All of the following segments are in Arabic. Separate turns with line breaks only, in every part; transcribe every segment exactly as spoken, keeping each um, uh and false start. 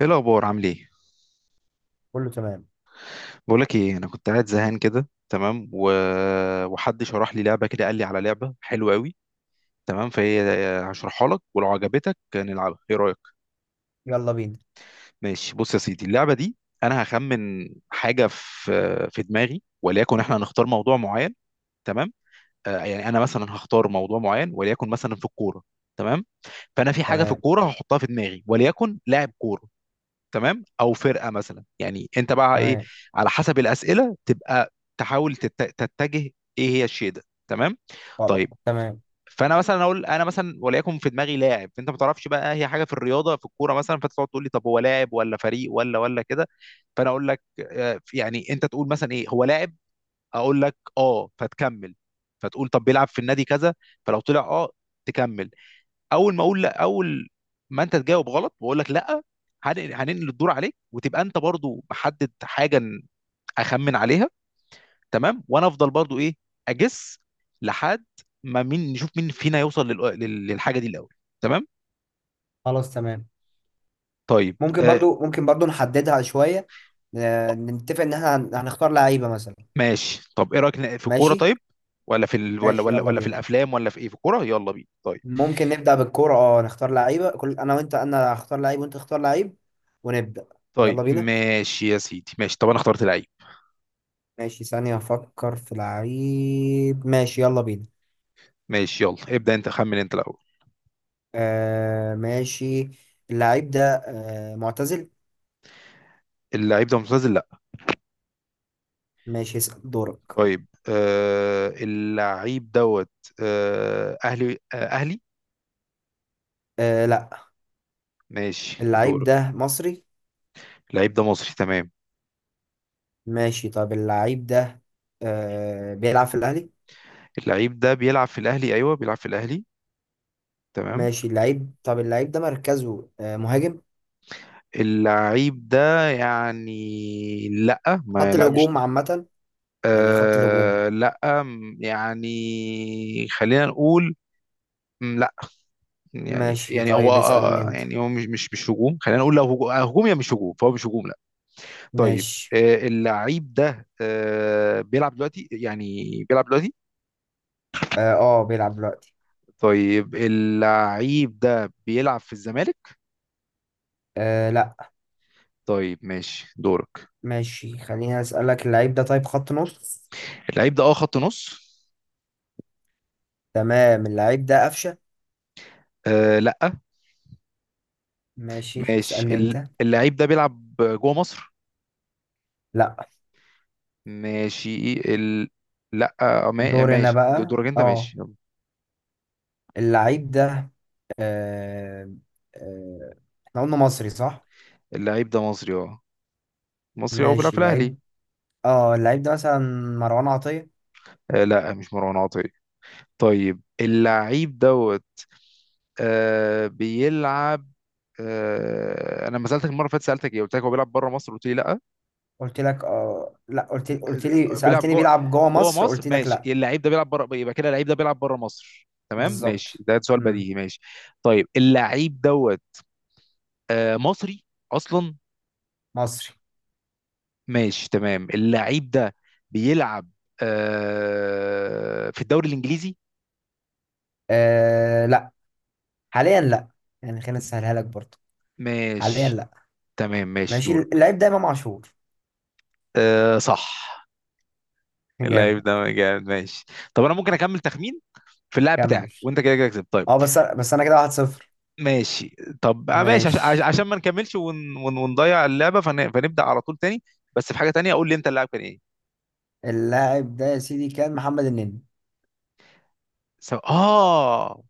ايه الاخبار، عامل ايه؟
كله تمام.
بقول لك ايه، انا كنت قاعد زهقان كده، تمام، و... وحد شرح لي لعبه كده، قال لي على لعبه حلوه قوي، تمام، فهي هشرحها لك ولو عجبتك نلعبها، ايه رايك؟
يلا بينا.
ماشي، بص يا سيدي، اللعبه دي انا هخمن حاجه في في دماغي، وليكن احنا هنختار موضوع معين، تمام. آه، يعني انا مثلا هختار موضوع معين، وليكن مثلا في الكوره، تمام. فانا في حاجه في
تمام،
الكوره هحطها في دماغي، وليكن لاعب كوره، تمام، او فرقه مثلا، يعني انت بقى ايه؟
تمام.
على حسب الاسئله تبقى تحاول تت- تتجه ايه هي الشيء ده، تمام.
خلاص
طيب،
تمام.
فانا مثلا اقول، انا مثلا وليكن في دماغي لاعب انت ما تعرفش بقى هي حاجه في الرياضه في الكوره مثلا، فتقعد تقول لي طب هو لاعب ولا فريق ولا ولا كده. فانا اقول لك، آه، يعني انت تقول مثلا ايه هو لاعب، اقول لك اه فتكمل. فتقول طب بيلعب في النادي كذا، فلو طلع اه تكمل. اول ما اقول لا، اول ما انت تجاوب غلط بقول لك لا، هن- هننقل الدور عليك وتبقى انت برضو محدد حاجه ن- اخمن عليها، تمام. وانا افضل برضو ايه، اجس لحد ما مين، نشوف مين فينا يوصل لل- لل- للحاجه دي الاول، تمام.
خلاص تمام.
طيب،
ممكن
آه
برضو ممكن برضو نحددها شوية. ن- نتفق ان احنا هن- هنختار لعيبة مثلا.
ماشي، طب ايه رايك ن- في الكوره؟
ماشي.
طيب، ولا في ال... ولا
ماشي
ولا
يلا
ولا في
بينا.
الافلام، ولا في ايه، في الكوره، يلا بينا، طيب.
ممكن نبدأ بالكورة، اه نختار لعيبة، كل انا وانت، انا هختار لعيب وانت تختار لعيب ونبدأ.
طيب
يلا بينا.
ماشي يا سيدي، ماشي، طب انا اخترت لعيب.
ماشي، ثانية افكر في لعيب. ماشي يلا بينا.
ماشي، يلا ابدا انت، خمن انت الاول.
آه، ماشي. اللعيب ده آه معتزل.
اللعيب ده معتزل؟ لا.
ماشي، اسأل دورك.
طيب، آه اللعيب دوت، آه اهلي؟ آه اهلي؟
آه، لا.
ماشي، دور.
اللعيب ده مصري.
اللعيب ده مصري، تمام.
ماشي، طب اللعيب ده آه بيلعب في الأهلي.
اللعيب ده بيلعب في الاهلي، ايوه بيلعب في الاهلي، تمام.
ماشي اللعيب طب اللعيب ده مركزه آه مهاجم.
اللعيب ده يعني لا، ما
خط
لا، مش،
الهجوم عامة. يعني خط الهجوم.
آه لا، م- يعني خلينا نقول، م، لا، يعني
ماشي،
يعني هو،
طيب اسألني
آه
أنت.
يعني هو مش مش مش هجوم، خلينا نقول لو هجوم، آه، هجوم يا مش هجوم، فهو مش هجوم، لا. طيب،
ماشي،
آه، اللعيب ده آه، بيلعب دلوقتي يعني، بيلعب دلوقتي؟
اه، آه، بيلعب دلوقتي.
طيب، اللعيب ده بيلعب في الزمالك؟
آه، لا.
طيب، ماشي دورك.
ماشي، خليني أسألك اللعيب ده، طيب خط نص.
اللعيب ده اه خط نص.
تمام، اللعيب ده قفشة.
آه، لا.
ماشي،
ماشي،
اسألني
ال-
أنت.
اللعيب ده بيلعب جوه مصر؟
لا.
ماشي، ال... لا، آه، ما-
دورنا
ماشي د-
بقى،
دورك انت،
اه
ماشي يلا.
اللعيب ده آه آه احنا قلنا مصري صح؟
اللعيب ده مصري، اه، مصري اه، بيلعب
ماشي
في الاهلي.
اللعيب اه اللعيب ده مثلا مروان عطية.
آه، لا، مش مروان عطية. طيب، اللعيب ده آه بيلعب. آه انا لما سالتك المره اللي فاتت سالتك ايه، قلت لك هو بيلعب بره مصر، قلت لي لا.
قلت لك اه، لا، قلت قلت لي
آه، بيلعب
سألتني
جوه
بيلعب جوه
جوه
مصر،
مصر،
قلت لك
ماشي.
لا.
اللعيب ده بيلعب بره، يبقى كده اللعيب ده بيلعب بره مصر، تمام، ماشي،
بالظبط.
ده سؤال
امم.
بديهي، ماشي. طيب، اللعيب دوت آه مصري اصلا.
مصري.
ماشي، تمام. اللعيب ده بيلعب آه في الدوري الانجليزي؟
آه، لا. حاليا لا. يعني خلينا نسهلها لك برضه. حاليا
ماشي،
لا.
تمام، ماشي
ماشي،
دورك.
اللعيب ده امام عاشور.
آه، صح.
جامد.
اللعيب ده جامد، ماشي. طب انا ممكن اكمل تخمين في اللاعب بتاعك
كمل.
وانت كده كده كسبت؟ طيب،
اه، بس بس انا كده واحد صفر.
ماشي. طب، آه، ماشي، عش- عش-
ماشي،
عشان ما نكملش ون... ون... ونضيع اللعبه، فن... فنبدا على طول تاني. بس في حاجه تانيه، قول لي انت اللاعب كان ايه؟
اللاعب ده يا سيدي كان محمد النني.
سو... اه،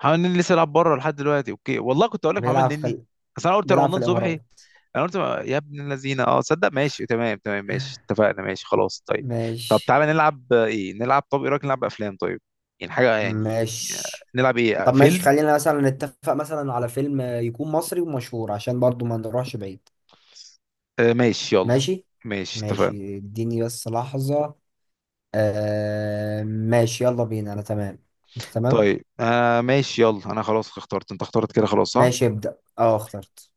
محمد نني لسه لعب بره لحد دلوقتي، اوكي، والله كنت اقول لك محمد
بيلعب في
نني،
ال...
بس انا قلت
بيلعب في
رمضان صبحي.
الامارات.
انا قلت ما- يا ابن الذين، اه صدق، ماشي، تمام تمام، ماشي اتفقنا، ماشي خلاص، طيب. طب
ماشي.
تعالى نلعب، آه، ايه نلعب؟ طب ايه رايك نلعب افلام؟ طيب، يعني حاجه يعني. آه،
ماشي،
نلعب ايه، آه،
طب ماشي،
فيلم.
خلينا مثلا نتفق مثلا على فيلم يكون مصري ومشهور عشان برضو ما نروحش بعيد.
آه، ماشي، يلا.
ماشي.
ماشي اتفقنا.
ماشي، اديني بس لحظة. آه ماشي، يلا بينا، انا تمام. انت تمام.
طيب، آه ماشي، يلا، انا خلاص اخترت، انت اخترت كده خلاص، صح؟
ماشي، ابدأ، اه اخترت.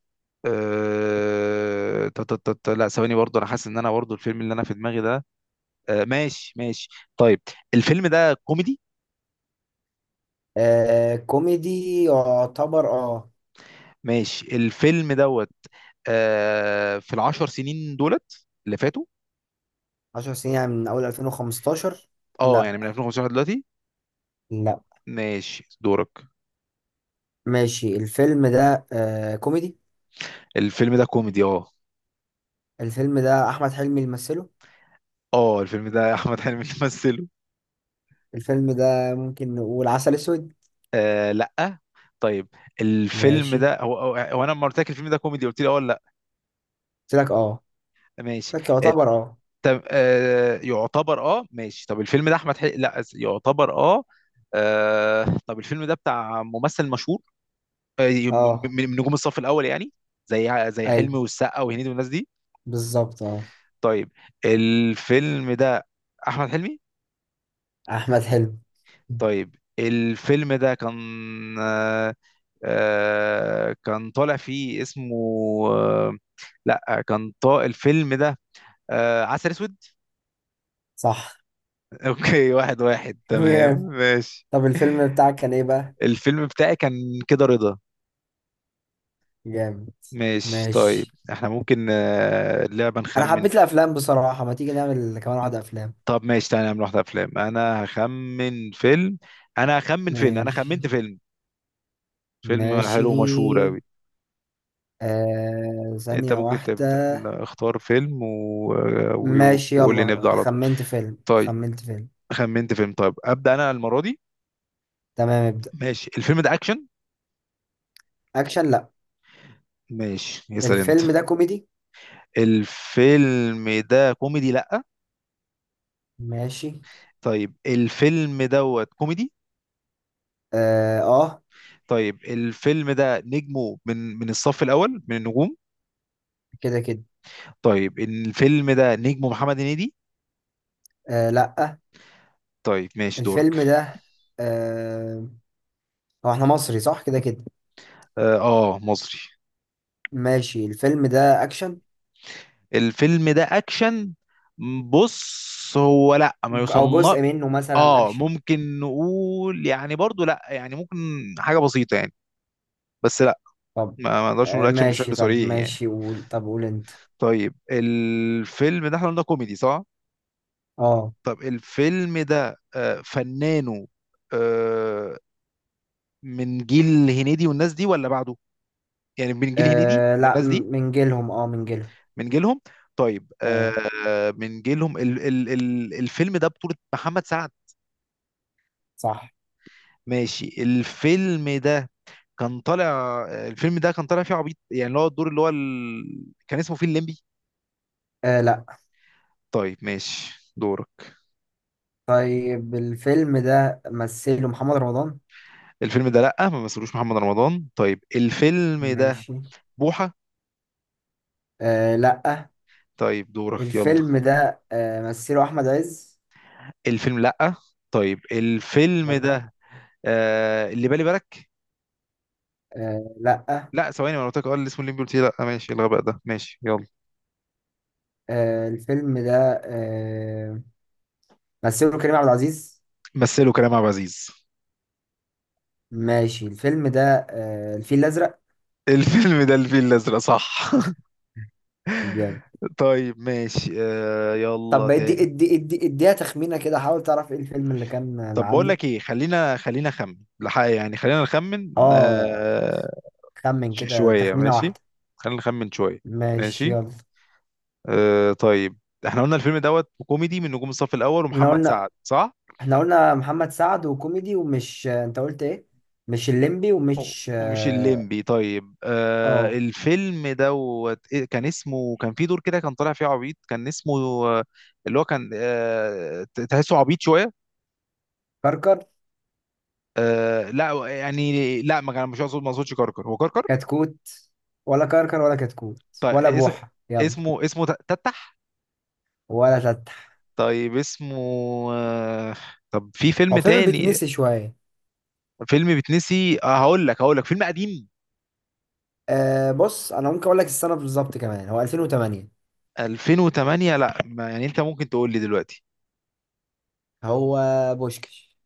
آه... تا تا تا تا- لا، ثواني، برضو انا حاسس ان انا برضو الفيلم اللي انا في دماغي ده. آه ماشي ماشي. طيب، الفيلم ده كوميدي؟
آه، كوميدي يعتبر اه.
ماشي. الفيلم دوت آه في العشر سنين دولت اللي فاتوا.
عشر سنين، يعني من اول ألفين وخمستاشر.
اه،
لا.
يعني من ألفين وخمستاشر دلوقتي.
لا.
ماشي، دورك.
ماشي، الفيلم ده آه كوميدي.
الفيلم ده كوميدي، اه.
الفيلم ده احمد حلمي اللي مثله.
اه، الفيلم ده احمد حلمي اللي مثله.
الفيلم ده ممكن نقول عسل اسود.
آه، لا. طيب، الفيلم
ماشي.
ده هو، هو هو انا لما قلت لك الفيلم ده كوميدي قلت لي اه ولا لا؟
قلت لك اه.
ماشي.
سكة يعتبر اه.
طب، آه يعتبر اه، ماشي. طب الفيلم ده احمد حلمي؟ لا، أس- يعتبر اه. آه، طب الفيلم ده بتاع ممثل مشهور، آه، م- م-
اه.
من نجوم الصف الاول يعني؟ زي زي حلمي
ايوه.
والسقا وهنيدي والناس دي.
بالظبط اه.
طيب، الفيلم ده احمد حلمي.
احمد حلمي.
طيب، الفيلم ده كان، آه، آه، كان طالع فيه اسمه، آه، لا، كان طا الفيلم ده آه، عسل اسود.
صح.
اوكي، واحد واحد، تمام،
جامد.
ماشي.
طب الفيلم بتاعك كان ايه بقى؟
الفيلم بتاعي كان كده رضا.
جامد.
ماشي، طيب،
ماشي.
احنا ممكن آه، اللعبة
انا
نخمن
حبيت
ف-
الافلام بصراحة، ما تيجي نعمل كمان واحدة افلام.
طب ماشي، تعالى نعمل واحدة أفلام، أنا هخمن فيلم أنا هخمن فيلم أنا
ماشي.
خمنت فيلم. فيلم
ماشي،
حلو ومشهور أوي.
آه
أنت
ثانية
ممكن تبدأ،
واحدة.
لا، اختار فيلم و... و-
ماشي
وقول لي نبدأ
يلا،
على طول.
خمنت فيلم،
طيب،
خمنت فيلم.
خمنت فيلم. طيب، أبدأ أنا المرة دي.
تمام، ابدأ.
ماشي، الفيلم ده أكشن؟
اكشن لا.
ماشي، يسأل أنت.
الفيلم ده كوميدي.
الفيلم ده كوميدي، لأ.
ماشي.
طيب، الفيلم دوت كوميدي.
اه, آه.
طيب، الفيلم ده نجمه من من الصف الأول من النجوم؟
كده كده.
طيب، الفيلم ده نجمه محمد هنيدي؟
آه، لا.
طيب، ماشي دورك.
الفيلم ده آه هو احنا مصري صح كده كده؟
اه، آه، مصري.
ماشي، الفيلم ده اكشن.
الفيلم ده أكشن؟ بص، هو لا، ما
ج- او
يصنف.
جزء منه مثلا
اه،
اكشن.
ممكن نقول يعني، برضو لا، يعني ممكن، حاجة بسيطة يعني، بس لا.
طب
ما ما نقدرش نقول
آه
أكشن
ماشي،
بشكل
طب
صريح يعني.
ماشي، قول، طب قول انت.
طيب، الفيلم ده احنا قلنا كوميدي صح؟
اه.
طب، الفيلم ده آه، فنانه آه، من جيل هنيدي والناس دي ولا بعده؟ يعني من جيل هنيدي
آه، لا م-
والناس دي؟
من جيلهم اه من جيلهم
من جيلهم. طيب،
اه،
آه من جيلهم، ال ال ال الفيلم ده بطولة محمد سعد؟
صح.
ماشي، الفيلم ده كان طالع آه، الفيلم ده كان طالع فيه عبيط يعني، اللي هو الدور، اللي هو ال... كان اسمه فيه الليمبي؟
آه، لا.
طيب، ماشي دورك.
طيب الفيلم ده مثله محمد رمضان.
الفيلم ده لأ، ما مثلوش محمد رمضان. طيب، الفيلم ده
ماشي.
بوحة.
آه، لا.
طيب، دورك يلا.
الفيلم ده آه مثله احمد عز.
الفيلم، لأ. طيب، الفيلم
برضو.
ده آه اللي بالي بالك.
آه، لا.
لا، ثواني، ما أنا قلت لك اه اللي اسمه الليمبي قلت لي لا، ماشي، الغباء ده، ماشي يلا.
آه، الفيلم ده آه مثله كريم عبد العزيز.
مثله كريم عبد العزيز.
ماشي، الفيلم ده آه الفيل الأزرق.
الفيلم ده الفيل الازرق، صح.
جامد.
طيب، ماشي، آه يلا
طب ادي
تاني.
ادي ادي اديها تخمينة كده، حاول تعرف ايه الفيلم اللي كان آه،
طب بقول
عندي.
لك ايه، خلينا خلينا نخمن لحق، يعني خلينا نخمن
اه.
آه
خمن
ش-
كده
شويه،
تخمينة
ماشي.
واحدة.
خلينا نخمن شويه.
ماشي
ماشي،
يلا.
آه طيب. احنا قلنا الفيلم دوت كوميدي، من نجوم الصف الاول
احنا
ومحمد
قلنا
سعد، صح،
احنا قلنا محمد سعد وكوميدي ومش، آه، انت قلت ايه؟ مش الليمبي
و-
ومش
ومش
اه.
الليمبي. طيب، آه
آه،
الفيلم دوت إيه كان اسمه؟ كان في دور كده كان طالع فيه عبيط، كان اسمه آه، اللي هو كان آه ت- تحسه عبيط شويه.
كركر.
آه لا، يعني لا، ما كان، مش اقصد، ما اقصدش كركر، هو كركر.
كتكوت. ولا كركر ولا كتكوت.
طيب،
ولا
اس-
بوحة يلا.
اسمه اسمه ت- تتح.
ولا تتح.
طيب، اسمه آه طب، في فيلم
هو فيلم
تاني.
بيتنسي شوية.
فيلم بتنسي، آه هقول لك هقول لك فيلم قديم.
آه بص، انا ممكن اقول لك السنة بالظبط كمان، هو ألفين وتمانية.
ألفين وتمنية؟ لا ما يعني، انت ممكن تقول لي دلوقتي.
هو بوشكش.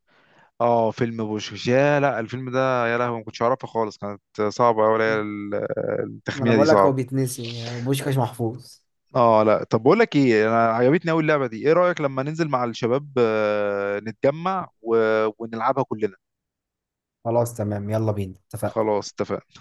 اه، فيلم بوشكش، يا لا، الفيلم ده، يا لهوي ما كنتش اعرفه خالص، كانت صعبه قوي
ما انا
التخمينه دي،
بقول لك
صعب.
هو بيتنسي بوشكاش محفوظ.
اه لا، طب بقول لك ايه، انا عجبتني قوي اللعبه دي، ايه رايك لما ننزل مع الشباب آه، نتجمع و... ونلعبها كلنا.
خلاص تمام، يلا بينا اتفقنا.
خلاص اتفقنا.